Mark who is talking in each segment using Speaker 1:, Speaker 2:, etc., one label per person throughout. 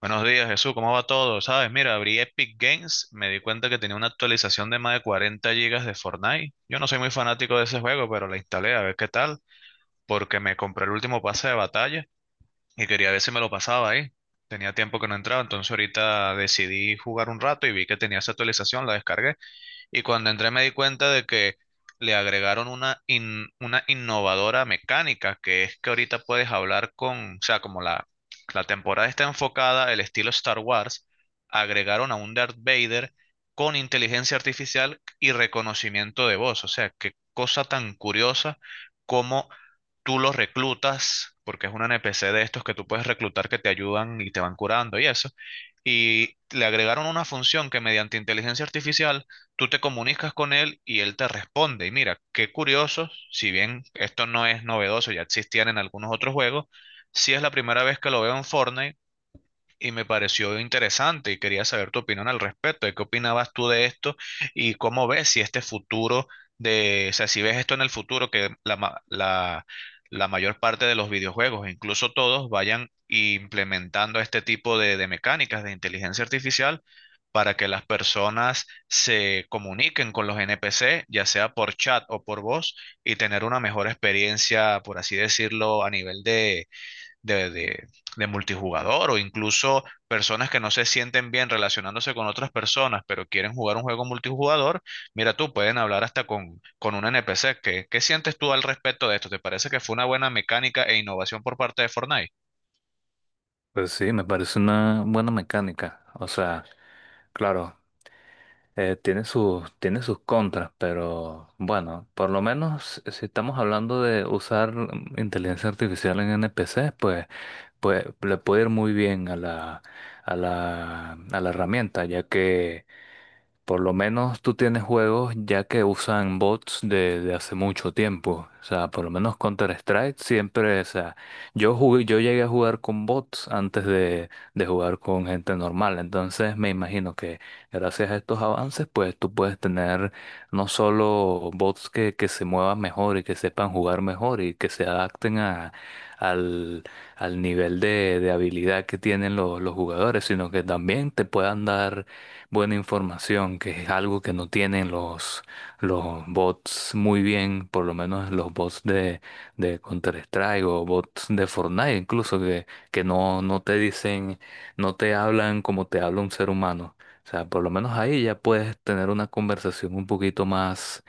Speaker 1: Buenos días, Jesús, ¿cómo va todo? Sabes, mira, abrí Epic Games, me di cuenta que tenía una actualización de más de 40 gigas de Fortnite. Yo no soy muy fanático de ese juego, pero la instalé a ver qué tal, porque me compré el último pase de batalla y quería ver si me lo pasaba ahí. Tenía tiempo que no entraba, entonces ahorita decidí jugar un rato y vi que tenía esa actualización, la descargué. Y cuando entré me di cuenta de que le agregaron una, una innovadora mecánica, que es que ahorita puedes hablar con, o sea, la temporada está enfocada, el estilo Star Wars, agregaron a un Darth Vader con inteligencia artificial y reconocimiento de voz. O sea, qué cosa tan curiosa como tú los reclutas, porque es un NPC de estos que tú puedes reclutar que te ayudan y te van curando y eso. Y le agregaron una función que mediante inteligencia artificial tú te comunicas con él y él te responde. Y mira, qué curioso, si bien esto no es novedoso, ya existían en algunos otros juegos, sí es la primera vez que lo veo en Fortnite y me pareció interesante y quería saber tu opinión al respecto, de qué opinabas tú de esto y cómo ves si este futuro de, o sea, si ves esto en el futuro, que la mayor parte de los videojuegos, incluso todos, vayan implementando este tipo de mecánicas de inteligencia artificial para que las personas se comuniquen con los NPC, ya sea por chat o por voz, y tener una mejor experiencia, por así decirlo, a nivel de de, de- de multijugador o incluso personas que no se sienten bien relacionándose con otras personas, pero quieren jugar un juego multijugador, mira tú, pueden hablar hasta con un NPC. ¿Qué, qué sientes tú al respecto de esto? ¿Te parece que fue una buena mecánica e innovación por parte de Fortnite?
Speaker 2: Pues sí, me parece una buena mecánica. O sea, claro, tiene sus contras, pero bueno, por lo menos si estamos hablando de usar inteligencia artificial en NPC, pues le puede ir muy bien a la herramienta, ya que por lo menos tú tienes juegos ya que usan bots de hace mucho tiempo. O sea, por lo menos Counter-Strike siempre, o sea, yo llegué a jugar con bots antes de jugar con gente normal. Entonces me imagino que gracias a estos avances, pues tú puedes tener no solo bots que se muevan mejor y que sepan jugar mejor y que se adapten al, al nivel de habilidad que tienen los jugadores, sino que también te puedan dar buena información, que es algo que no tienen los bots muy bien, por lo menos los bots de Counter-Strike o bots de Fortnite incluso, que no te dicen, no te hablan como te habla un ser humano. O sea, por lo menos ahí ya puedes tener una conversación un poquito más,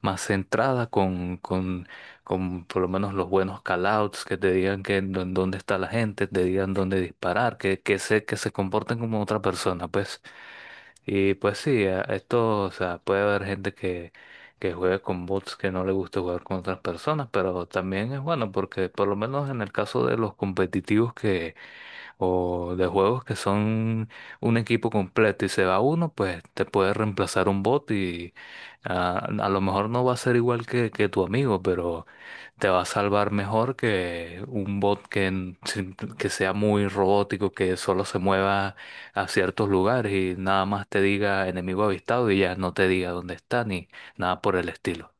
Speaker 2: más centrada con por lo menos los buenos callouts, que te digan que en dónde está la gente, te digan dónde disparar, que se comporten como otra persona, pues. Y pues sí, esto, o sea, puede haber gente que juegue con bots que no le gusta jugar con otras personas, pero también es bueno porque por lo menos en el caso de los competitivos o de juegos que son un equipo completo y se va uno, pues te puede reemplazar un bot y a lo mejor no va a ser igual que tu amigo, pero te va a salvar mejor que un bot que, en- sin- que sea muy robótico, que solo se mueva a ciertos lugares y nada más te diga enemigo avistado y ya no te diga dónde está ni nada por el estilo.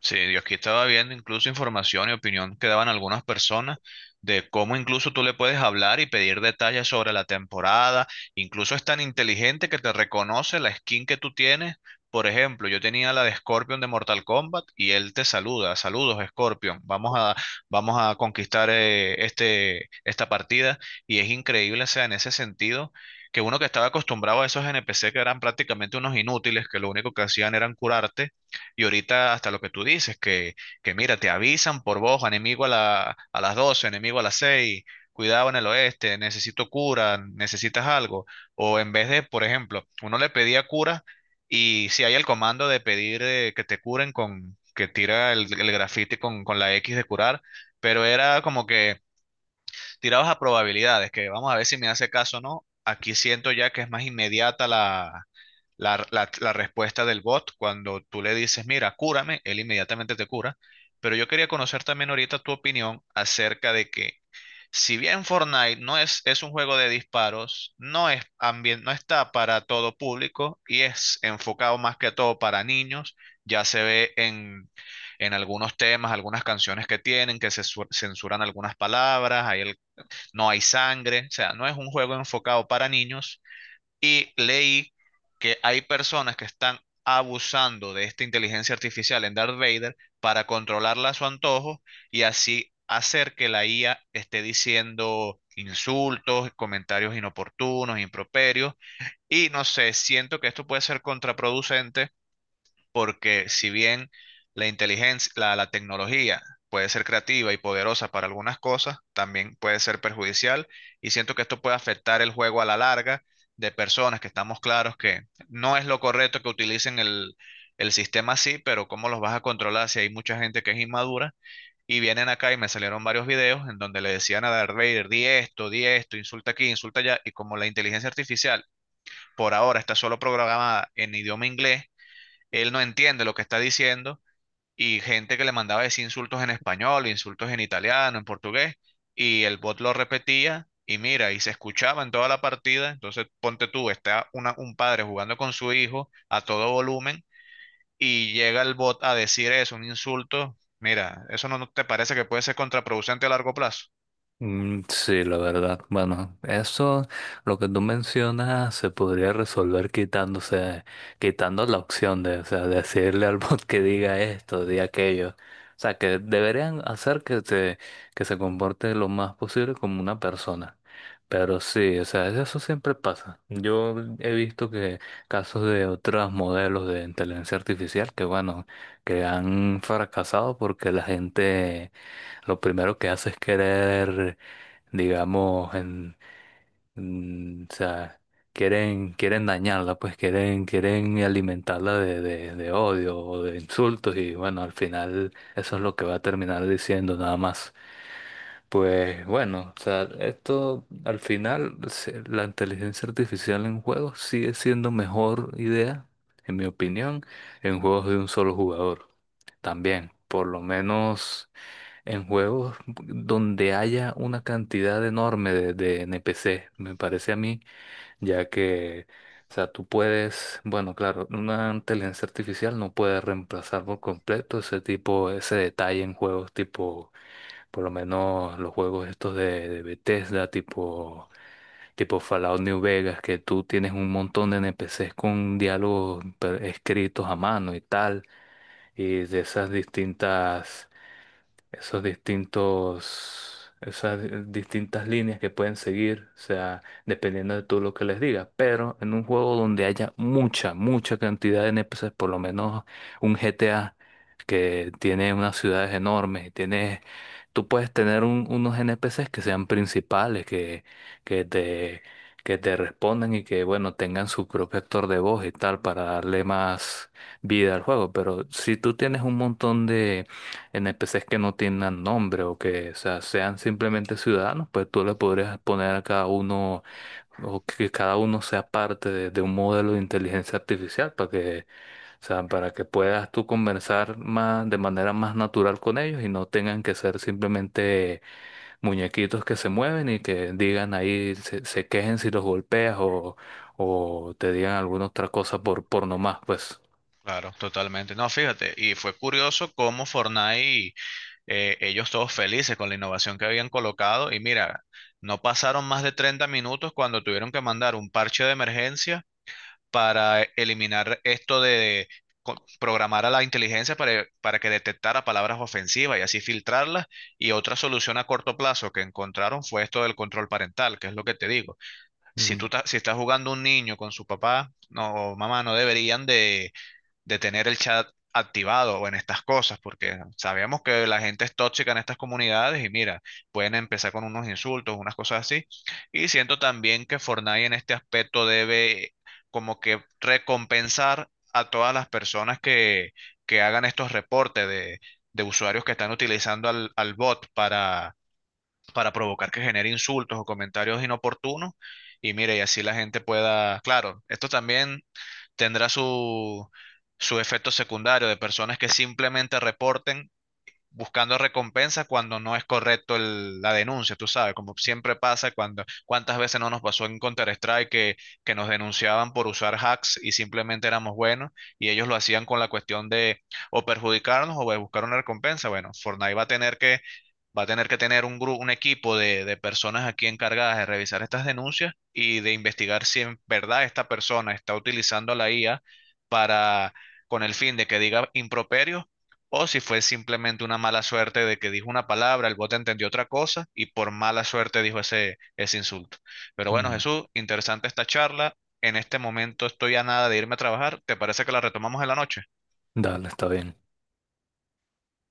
Speaker 1: Sí, yo aquí estaba viendo incluso información y opinión que daban algunas personas de cómo incluso tú le puedes hablar y pedir detalles sobre la temporada. Incluso es tan inteligente que te reconoce la skin que tú tienes. Por ejemplo, yo tenía la de Scorpion de Mortal Kombat y él te saluda. Saludos, Scorpion. Vamos a conquistar este, esta partida. Y es increíble, o sea, en ese sentido, que uno que estaba acostumbrado a esos NPC que eran prácticamente unos inútiles, que lo único que hacían eran curarte y ahorita hasta lo que tú dices, que mira, te avisan por voz, enemigo a las 12, enemigo a las 6, cuidado en el oeste, necesito cura, necesitas algo. O en vez de, por ejemplo, uno le pedía cura y si hay el comando de pedir que te curen con, que tira el grafiti con la X de curar, pero era como que tirabas a probabilidades, que vamos a ver si me hace caso o no. Aquí siento ya que es más inmediata la respuesta del bot cuando tú le dices, mira, cúrame, él inmediatamente te cura. Pero yo quería conocer también ahorita tu opinión acerca de que, si bien Fortnite no es, es un juego de disparos, no está para todo público y es enfocado más que todo para niños, ya se ve en algunos temas, algunas canciones que tienen, que censuran algunas palabras, no hay sangre, o sea, no es un juego enfocado para niños y leí que hay personas que están abusando de esta inteligencia artificial en Darth Vader para controlarla a su antojo y así hacer que la IA esté diciendo insultos, comentarios inoportunos, improperios. Y no sé, siento que esto puede ser contraproducente porque si bien la tecnología puede ser creativa y poderosa para algunas cosas, también puede ser perjudicial y siento que esto puede afectar el juego a la larga de personas que estamos claros que no es lo correcto que utilicen el sistema así, pero ¿cómo los vas a controlar si hay mucha gente que es inmadura? Y vienen acá y me salieron varios videos en donde le decían a Darth Vader, di esto, insulta aquí, insulta allá, y como la inteligencia artificial por ahora está solo programada en idioma inglés, él no entiende lo que está diciendo y gente que le mandaba decir insultos en español, insultos en italiano, en portugués, y el bot lo repetía y mira, y se escuchaba en toda la partida. Entonces, ponte tú, está un padre jugando con su hijo a todo volumen y llega el bot a decir eso, un insulto. Mira, ¿eso no te parece que puede ser contraproducente a largo plazo?
Speaker 2: Mm, sí, la verdad. Bueno, eso, lo que tú mencionas, se podría resolver quitando la opción de, o sea, decirle al bot que diga esto, diga aquello. O sea, que deberían hacer que se comporte lo más posible como una persona. Pero sí, o sea, eso siempre pasa. Yo he visto que casos de otros modelos de inteligencia artificial que, bueno, que han fracasado porque la gente lo primero que hace es querer digamos, o sea, quieren dañarla, pues quieren alimentarla de odio o de insultos y bueno, al final eso es lo que va a terminar diciendo nada más. Pues bueno, o sea, esto al final, la inteligencia artificial en juegos sigue siendo mejor idea, en mi opinión, en juegos de un solo jugador. También, por lo menos. En juegos donde haya una cantidad enorme de NPC, me parece a mí, ya que, o sea, tú puedes, bueno, claro, una inteligencia artificial no puede reemplazar por completo ese detalle en juegos tipo, por lo menos los juegos estos de Bethesda, tipo Fallout New Vegas, que tú tienes un montón de NPCs con diálogos escritos a mano y tal, y de esas distintas esos distintos, esas di- distintas líneas que pueden seguir, o sea, dependiendo de tú lo que les digas. Pero en un juego donde haya mucha cantidad de n p NPCs, por lo menos un GTA que tiene unas ciudades enormes, tú puedes tener unos n p NPCs que sean principales, que te que te respondan y que, bueno, tengan su propio actor de voz y tal para darle más vida al juego. Pero si tú tienes un montón de NPCs que no tengan nombre o que, o sea, sean simplemente ciudadanos, pues tú le podrías poner a cada uno o que cada uno sea parte de un modelo de inteligencia artificial para que, o sea, para que puedas tú conversar más de manera más natural con ellos y no tengan que ser simplemente muñequitos que se mueven y que digan ahí, se quejen si los golpeas o te digan alguna otra cosa por nomás, pues.
Speaker 1: Claro, totalmente. No, fíjate, y fue curioso cómo Fortnite ellos todos felices con la innovación que habían colocado y mira, no pasaron más de 30 minutos cuando tuvieron que mandar un parche de emergencia para eliminar esto de programar a la inteligencia para que detectara palabras ofensivas y así filtrarlas. Y otra solución a corto plazo que encontraron fue esto del control parental, que es lo que te digo. Si
Speaker 2: Mm,
Speaker 1: si estás jugando un niño con su papá no, o mamá, no deberían de tener el chat activado o en estas cosas, porque sabemos que la gente es tóxica en estas comunidades y mira, pueden empezar con unos insultos, unas cosas así. Y siento también que Fortnite en este aspecto debe como que recompensar a todas las personas que hagan estos reportes de usuarios que están utilizando al bot para provocar que genere insultos o comentarios inoportunos. Y mire, y así la gente pueda, claro, esto también tendrá su, su efecto secundario de personas que simplemente reporten buscando recompensa cuando no es correcto la denuncia, tú sabes, como siempre pasa cuando, cuántas veces no nos pasó en Counter-Strike que nos denunciaban por usar hacks y simplemente éramos buenos y ellos lo hacían con la cuestión de o perjudicarnos o de buscar una recompensa. Bueno, Fortnite va a tener va a tener que tener un grupo, un equipo de personas aquí encargadas de revisar estas denuncias y de investigar si en verdad esta persona está utilizando la IA para, con el fin de que diga improperios o si fue simplemente una mala suerte de que dijo una palabra, el bot entendió otra cosa y por mala suerte dijo ese insulto. Pero bueno,
Speaker 2: mm.
Speaker 1: Jesús, interesante esta charla. En este momento estoy a nada de irme a trabajar. ¿Te parece que la retomamos en la noche?
Speaker 2: Dale, está bien.